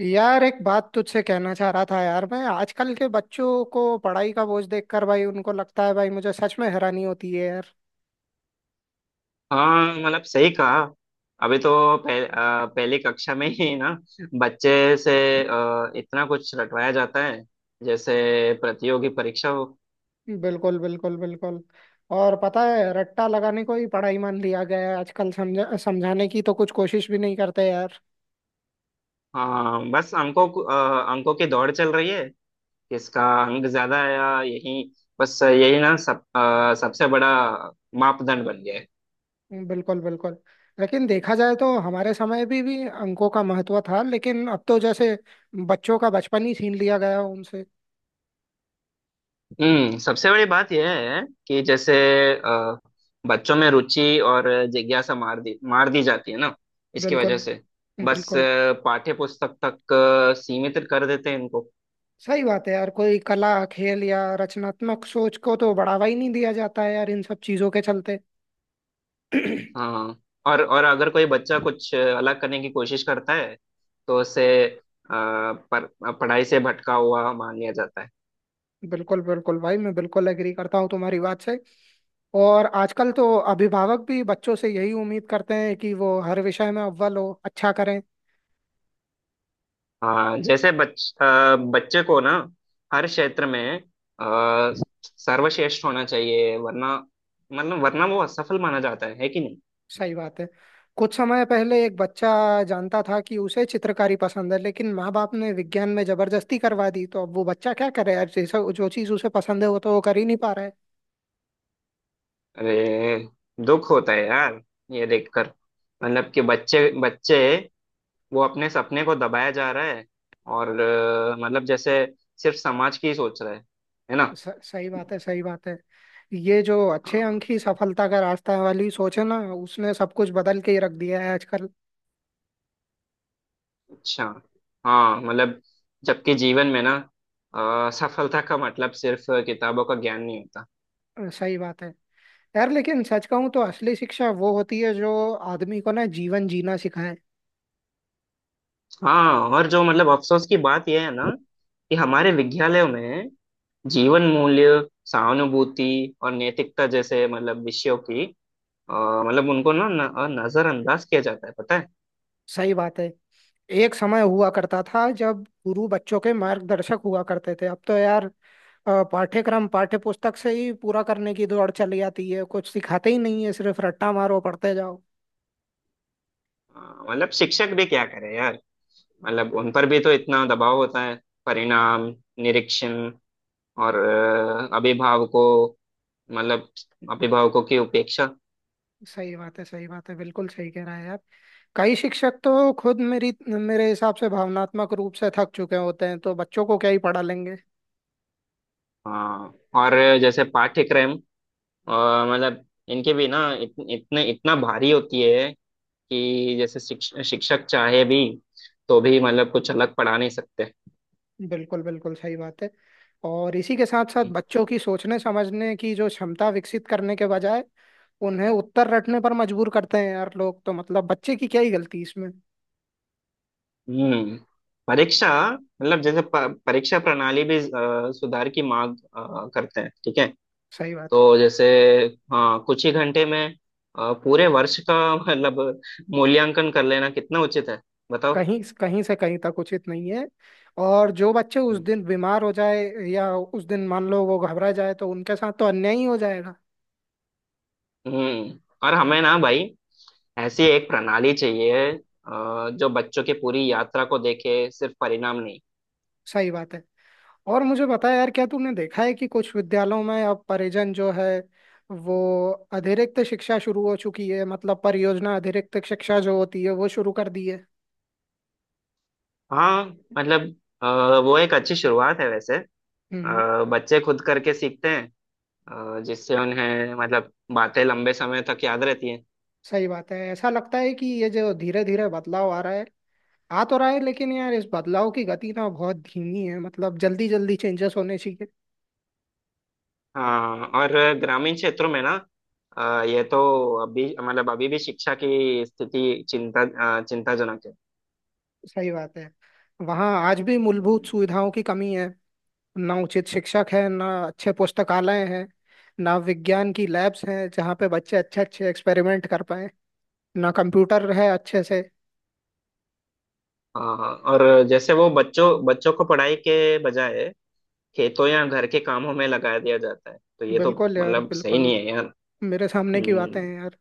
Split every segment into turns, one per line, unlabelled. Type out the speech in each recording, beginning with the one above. यार एक बात तुझसे कहना चाह रहा था यार। मैं आजकल के बच्चों को पढ़ाई का बोझ देखकर भाई, उनको लगता है भाई, मुझे सच में हैरानी होती है यार।
हाँ, मतलब सही कहा। अभी तो पहली कक्षा में ही ना बच्चे से इतना कुछ रटवाया जाता है, जैसे प्रतियोगी परीक्षा हो।
बिल्कुल, बिल्कुल, बिल्कुल। और पता है, रट्टा लगाने को ही पढ़ाई मान लिया गया है आजकल। समझा समझाने की तो कुछ कोशिश भी नहीं करते यार।
हाँ, बस अंकों की दौड़ चल रही है। किसका अंक ज्यादा आया, यही बस, यही ना सब सबसे बड़ा मापदंड बन गया है।
बिल्कुल बिल्कुल। लेकिन देखा जाए तो हमारे समय भी अंकों का महत्व था, लेकिन अब तो जैसे बच्चों का बचपन ही छीन लिया गया उनसे।
सबसे बड़ी बात यह है कि जैसे अ, बच्चों में रुचि और जिज्ञासा मार दी, मार दी जाती है ना, इसकी वजह
बिल्कुल
से। बस
बिल्कुल।
पाठ्य पुस्तक तक सीमित कर देते हैं इनको।
सही बात है यार। कोई कला, खेल या रचनात्मक सोच को तो बढ़ावा ही नहीं दिया जाता है यार इन सब चीजों के चलते।
हाँ, और अगर कोई बच्चा कुछ अलग करने की कोशिश करता है, तो उसे पर, पढ़ाई से भटका हुआ मान लिया जाता है।
बिल्कुल बिल्कुल भाई, मैं बिल्कुल एग्री करता हूँ तुम्हारी बात से। और आजकल तो अभिभावक भी बच्चों से यही उम्मीद करते हैं कि वो हर विषय में अव्वल हो, अच्छा करें।
हाँ, जैसे बच्चे को ना हर क्षेत्र में अ, सर्वश्रेष्ठ होना चाहिए, वरना मतलब वरना वो असफल माना जाता है कि नहीं।
सही बात है। कुछ समय पहले एक बच्चा जानता था कि उसे चित्रकारी पसंद है, लेकिन माँ बाप ने विज्ञान में जबरदस्ती करवा दी। तो अब वो बच्चा क्या करे यार? जैसा, जो चीज उसे पसंद है वो तो वो कर ही नहीं पा रहा है।
अरे, दुख होता है यार ये देखकर। मतलब कि बच्चे बच्चे, वो अपने सपने को दबाया जा रहा है। और मतलब जैसे सिर्फ समाज की ही सोच रहा है ना।
सही बात है, सही बात है। ये जो
अ,
अच्छे अंक ही सफलता का रास्ता है वाली सोच है ना, उसने सब कुछ बदल के ही रख दिया है आजकल।
अच्छा। हाँ, मतलब जबकि जीवन में ना सफलता का मतलब सिर्फ किताबों का ज्ञान नहीं होता।
सही बात है यार। लेकिन सच कहूँ तो असली शिक्षा वो होती है जो आदमी को ना जीवन जीना सिखाए।
हाँ, और जो मतलब अफसोस की बात यह है ना, कि हमारे विद्यालयों में जीवन मूल्य, सहानुभूति और नैतिकता जैसे मतलब विषयों की अ, मतलब उनको ना नजरअंदाज किया जाता है, पता है।
सही बात है। एक समय हुआ करता था जब गुरु बच्चों के मार्गदर्शक हुआ करते थे। अब तो यार पाठ्यक्रम पाठ्य पुस्तक से ही पूरा करने की दौड़ चली जाती है। कुछ सिखाते ही नहीं है, सिर्फ रट्टा मारो, पढ़ते जाओ।
अ, मतलब शिक्षक भी क्या करे यार। मतलब उन पर भी तो इतना दबाव होता है, परिणाम, निरीक्षण और अभिभावकों, मतलब अभिभावकों की उपेक्षा।
सही बात है, सही बात है, बिल्कुल सही कह रहा है आप। कई शिक्षक तो खुद मेरी मेरे हिसाब से भावनात्मक रूप से थक चुके होते हैं, तो बच्चों को क्या ही पढ़ा लेंगे।
हाँ, और जैसे पाठ्यक्रम अ, मतलब इनके भी ना इत, इतने इतना भारी होती है कि जैसे शिक्षक चाहे भी तो भी मतलब कुछ अलग पढ़ा नहीं सकते।
बिल्कुल बिल्कुल सही बात है। और इसी के साथ साथ बच्चों की सोचने समझने की जो क्षमता विकसित करने के बजाय उन्हें उत्तर रटने पर मजबूर करते हैं यार लोग। तो मतलब बच्चे की क्या ही गलती इसमें।
हम्म परीक्षा मतलब जैसे परीक्षा प्रणाली भी सुधार की मांग करते हैं, ठीक है।
सही बात है।
तो जैसे, हाँ, कुछ ही घंटे में पूरे वर्ष का मतलब मूल्यांकन कर लेना कितना उचित है, बताओ।
कहीं कहीं से कहीं तक उचित नहीं है। और जो बच्चे उस दिन बीमार हो जाए या उस दिन मान लो वो घबरा जाए, तो उनके साथ तो अन्याय ही हो जाएगा।
हम्म और हमें ना भाई ऐसी एक प्रणाली चाहिए जो बच्चों की पूरी यात्रा को देखे, सिर्फ परिणाम नहीं।
सही बात है। और मुझे बता यार, क्या तूने देखा है कि कुछ विद्यालयों में अब परिजन जो है वो अतिरिक्त शिक्षा शुरू हो चुकी है। मतलब परियोजना अतिरिक्त शिक्षा जो होती है वो शुरू कर दी है।
हाँ, मतलब वो एक अच्छी शुरुआत है वैसे।
हम्म।
बच्चे खुद करके सीखते हैं, जिससे उन्हें मतलब बातें लंबे समय तक याद रहती हैं।
सही बात है। ऐसा लगता है कि ये जो धीरे धीरे बदलाव आ रहा है, आ तो रहा है, लेकिन यार इस बदलाव की गति ना बहुत धीमी है। मतलब जल्दी जल्दी चेंजेस होने चाहिए।
हाँ, और ग्रामीण क्षेत्रों में ना ये तो अभी मतलब अभी भी शिक्षा की स्थिति चिंताजनक है।
सही बात है। वहाँ आज भी मूलभूत
हम्म।
सुविधाओं की कमी है। ना उचित शिक्षक है, ना अच्छे पुस्तकालय हैं, ना विज्ञान की लैब्स हैं जहाँ पे बच्चे अच्छे अच्छे एक्सपेरिमेंट कर पाए, ना कंप्यूटर है अच्छे से।
और जैसे वो बच्चों बच्चों को पढ़ाई के बजाय खेतों या घर के कामों में लगा दिया जाता है, तो ये तो
बिल्कुल यार
मतलब सही
बिल्कुल।
नहीं है यार।
मेरे सामने की बातें
हम्म।
हैं यार।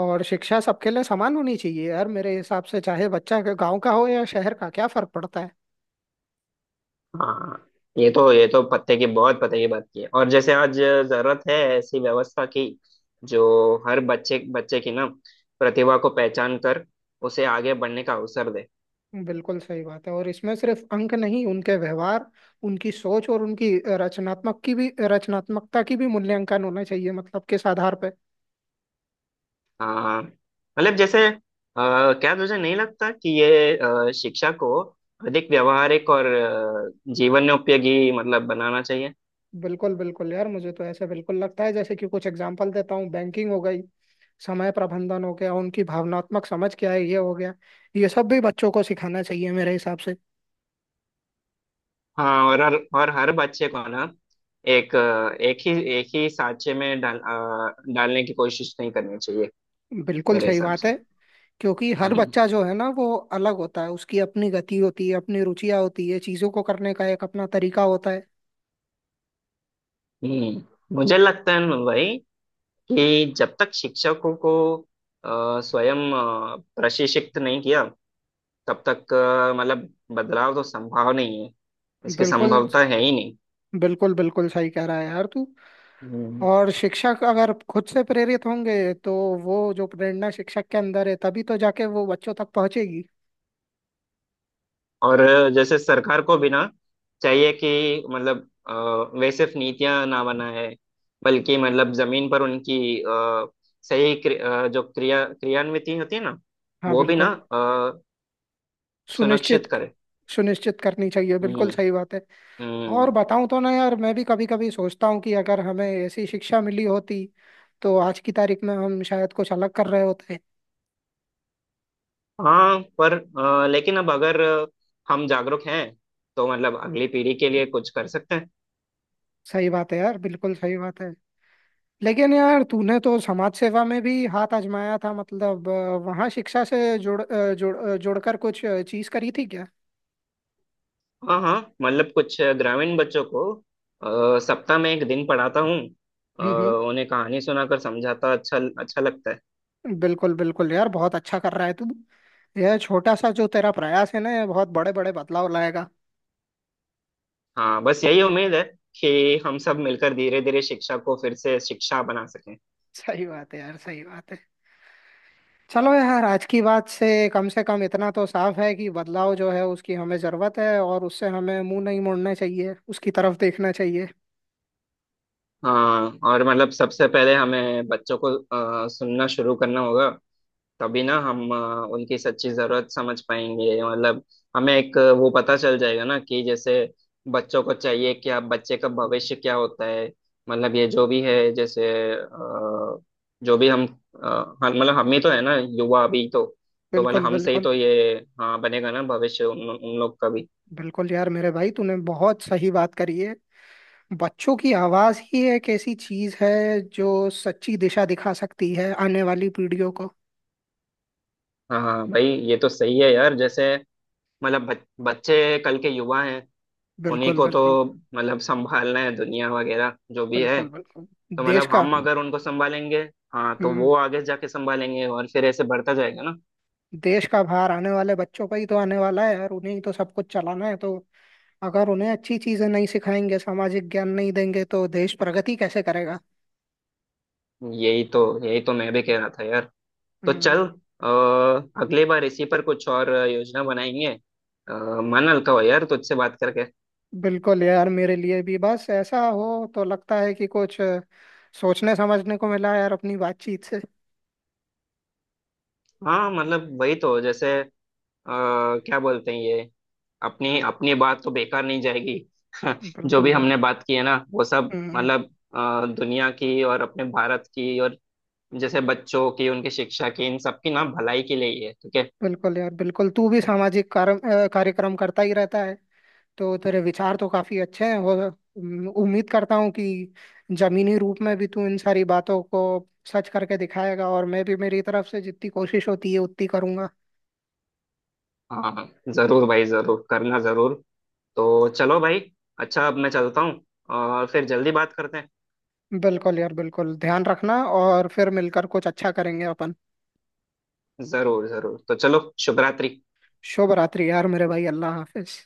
और शिक्षा सबके लिए समान होनी चाहिए यार मेरे हिसाब से। चाहे बच्चा गांव का हो या शहर का, क्या फर्क पड़ता है।
हाँ, ये तो पते की बहुत पते की बात की है। और जैसे आज जरूरत है ऐसी व्यवस्था की, जो हर बच्चे बच्चे की ना प्रतिभा को पहचान कर उसे आगे बढ़ने का अवसर दे।
बिल्कुल सही बात है। और इसमें सिर्फ अंक नहीं, उनके व्यवहार, उनकी सोच और उनकी रचनात्मकता की भी मूल्यांकन होना चाहिए। मतलब किस आधार पे।
हाँ, मतलब जैसे क्या तुझे नहीं लगता कि ये शिक्षा को अधिक व्यावहारिक और जीवन में उपयोगी मतलब बनाना चाहिए।
बिल्कुल बिल्कुल यार, मुझे तो ऐसा बिल्कुल लगता है। जैसे कि कुछ एग्जांपल देता हूँ, बैंकिंग हो गई, समय प्रबंधन हो गया, उनकी भावनात्मक समझ क्या है ये हो गया, ये सब भी बच्चों को सिखाना चाहिए मेरे हिसाब से।
हाँ, और हर बच्चे को ना एक अ, एक ही एक ही सांचे में डालने की कोशिश नहीं करनी चाहिए,
बिल्कुल
मेरे
सही
हिसाब
बात
से।
है। क्योंकि हर
हम्म,
बच्चा जो है ना वो अलग होता है। उसकी अपनी गति होती है, अपनी रुचियां होती है, चीजों को करने का एक अपना तरीका होता है।
मुझे लगता है ना भाई कि जब तक शिक्षकों को स्वयं प्रशिक्षित नहीं किया, तब तक मतलब बदलाव तो संभव नहीं है, इसकी
बिल्कुल,
संभवता है ही नहीं।
बिल्कुल बिल्कुल सही कह रहा है यार तू।
हम्म।
और शिक्षक अगर खुद से प्रेरित होंगे, तो वो जो प्रेरणा शिक्षक के अंदर है तभी तो जाके वो बच्चों तक पहुंचेगी।
और जैसे सरकार को भी ना चाहिए कि मतलब वे सिर्फ नीतियां ना बनाए, बल्कि मतलब जमीन पर उनकी सही जो क्रियान्विति होती है ना,
हाँ
वो भी ना
बिल्कुल।
अ,
सुनिश्चित,
सुनिश्चित करे।
सुनिश्चित करनी चाहिए,
हम्म,
बिल्कुल सही बात है। और
हम्म।
बताऊं तो ना यार, मैं भी कभी कभी सोचता हूँ कि अगर हमें ऐसी शिक्षा मिली होती तो आज की तारीख में हम शायद कुछ अलग कर रहे होते।
हाँ, पर लेकिन अब अगर हम जागरूक हैं, तो मतलब अगली पीढ़ी के लिए कुछ कर सकते हैं।
सही बात है यार, बिल्कुल सही बात है। लेकिन यार तूने तो समाज सेवा में भी हाथ आजमाया था। मतलब वहाँ शिक्षा से जोड़कर कुछ चीज करी थी क्या?
हाँ, हाँ, मतलब कुछ ग्रामीण बच्चों को सप्ताह में एक दिन पढ़ाता हूँ। अ,
हम्म।
उन्हें कहानी सुनाकर समझाता, अच्छा अच्छा लगता है।
बिल्कुल बिल्कुल यार, बहुत अच्छा कर रहा है तू। यह छोटा सा जो तेरा प्रयास है ना, यह बहुत बड़े बड़े बदलाव लाएगा।
हाँ, बस यही उम्मीद है कि हम सब मिलकर धीरे धीरे शिक्षा को फिर से शिक्षा बना सकें।
सही बात है यार, सही बात है। चलो यार, आज की बात से कम इतना तो साफ है कि बदलाव जो है उसकी हमें जरूरत है, और उससे हमें मुंह नहीं मोड़ना चाहिए, उसकी तरफ देखना चाहिए।
हाँ, और मतलब सबसे पहले हमें बच्चों को सुनना शुरू करना होगा। तभी ना हम उनकी सच्ची जरूरत समझ पाएंगे। मतलब हमें एक वो पता चल जाएगा ना कि जैसे बच्चों को चाहिए क्या, बच्चे का भविष्य क्या होता है। मतलब ये जो भी है जैसे अ, जो भी हम हाँ, मतलब हम ही तो है ना युवा अभी तो। तो मतलब
बिल्कुल
हमसे ही
बिल्कुल।
तो ये, हाँ, बनेगा ना भविष्य उन लोग का भी।
बिल्कुल यार मेरे भाई, तूने बहुत सही बात करी है। बच्चों की आवाज ही एक ऐसी चीज है जो सच्ची दिशा दिखा सकती है आने वाली पीढ़ियों को।
हाँ, हाँ भाई, ये तो सही है यार। जैसे मतलब बच्चे कल के युवा हैं। उन्हीं
बिल्कुल
को
बिल्कुल।
तो मतलब संभालना है दुनिया वगैरह जो भी है।
बिल्कुल बिल्कुल।
तो
देश
मतलब
का।
हम अगर उनको संभालेंगे। हाँ, तो
हम्म।
वो आगे जाके संभालेंगे, और फिर ऐसे बढ़ता जाएगा ना।
देश का भार आने वाले बच्चों पर ही तो आने वाला है यार। उन्हें ही तो सब कुछ चलाना है। तो अगर उन्हें अच्छी चीजें नहीं सिखाएंगे, सामाजिक ज्ञान नहीं देंगे, तो देश प्रगति कैसे करेगा।
यही तो, यही तो मैं भी कह रहा था यार। तो
हम्म,
चल, अगली बार इसी पर कुछ और योजना बनाएंगे। मन हल्का हो यार तुझसे बात करके।
बिल्कुल यार, मेरे लिए भी बस ऐसा हो तो लगता है कि कुछ सोचने समझने को मिला यार अपनी बातचीत से।
हाँ, मतलब वही तो, जैसे क्या बोलते हैं ये, अपनी अपनी बात तो बेकार नहीं जाएगी। जो
बिल्कुल
भी
बिल्कुल।
हमने बात की है ना वो सब
हम्म,
मतलब दुनिया की और अपने भारत की और जैसे बच्चों की, उनकी शिक्षा की, इन सब की ना भलाई के लिए ही है, ठीक है।
बिल्कुल यार, बिल्कुल। तू भी सामाजिक कार्य, कार्यक्रम करता ही रहता है, तो तेरे विचार तो काफी अच्छे हैं। और उम्मीद करता हूँ कि जमीनी रूप में भी तू इन सारी बातों को सच करके दिखाएगा। और मैं भी मेरी तरफ से जितनी कोशिश होती है उतनी करूंगा।
हाँ, हाँ जरूर भाई, जरूर करना जरूर। तो चलो भाई। अच्छा, अब मैं चलता हूँ और फिर जल्दी बात करते हैं।
बिल्कुल यार बिल्कुल, ध्यान रखना, और फिर मिलकर कुछ अच्छा करेंगे अपन।
जरूर जरूर, तो चलो। शुभ रात्रि।
शुभ रात्रि यार मेरे भाई, अल्लाह हाफिज।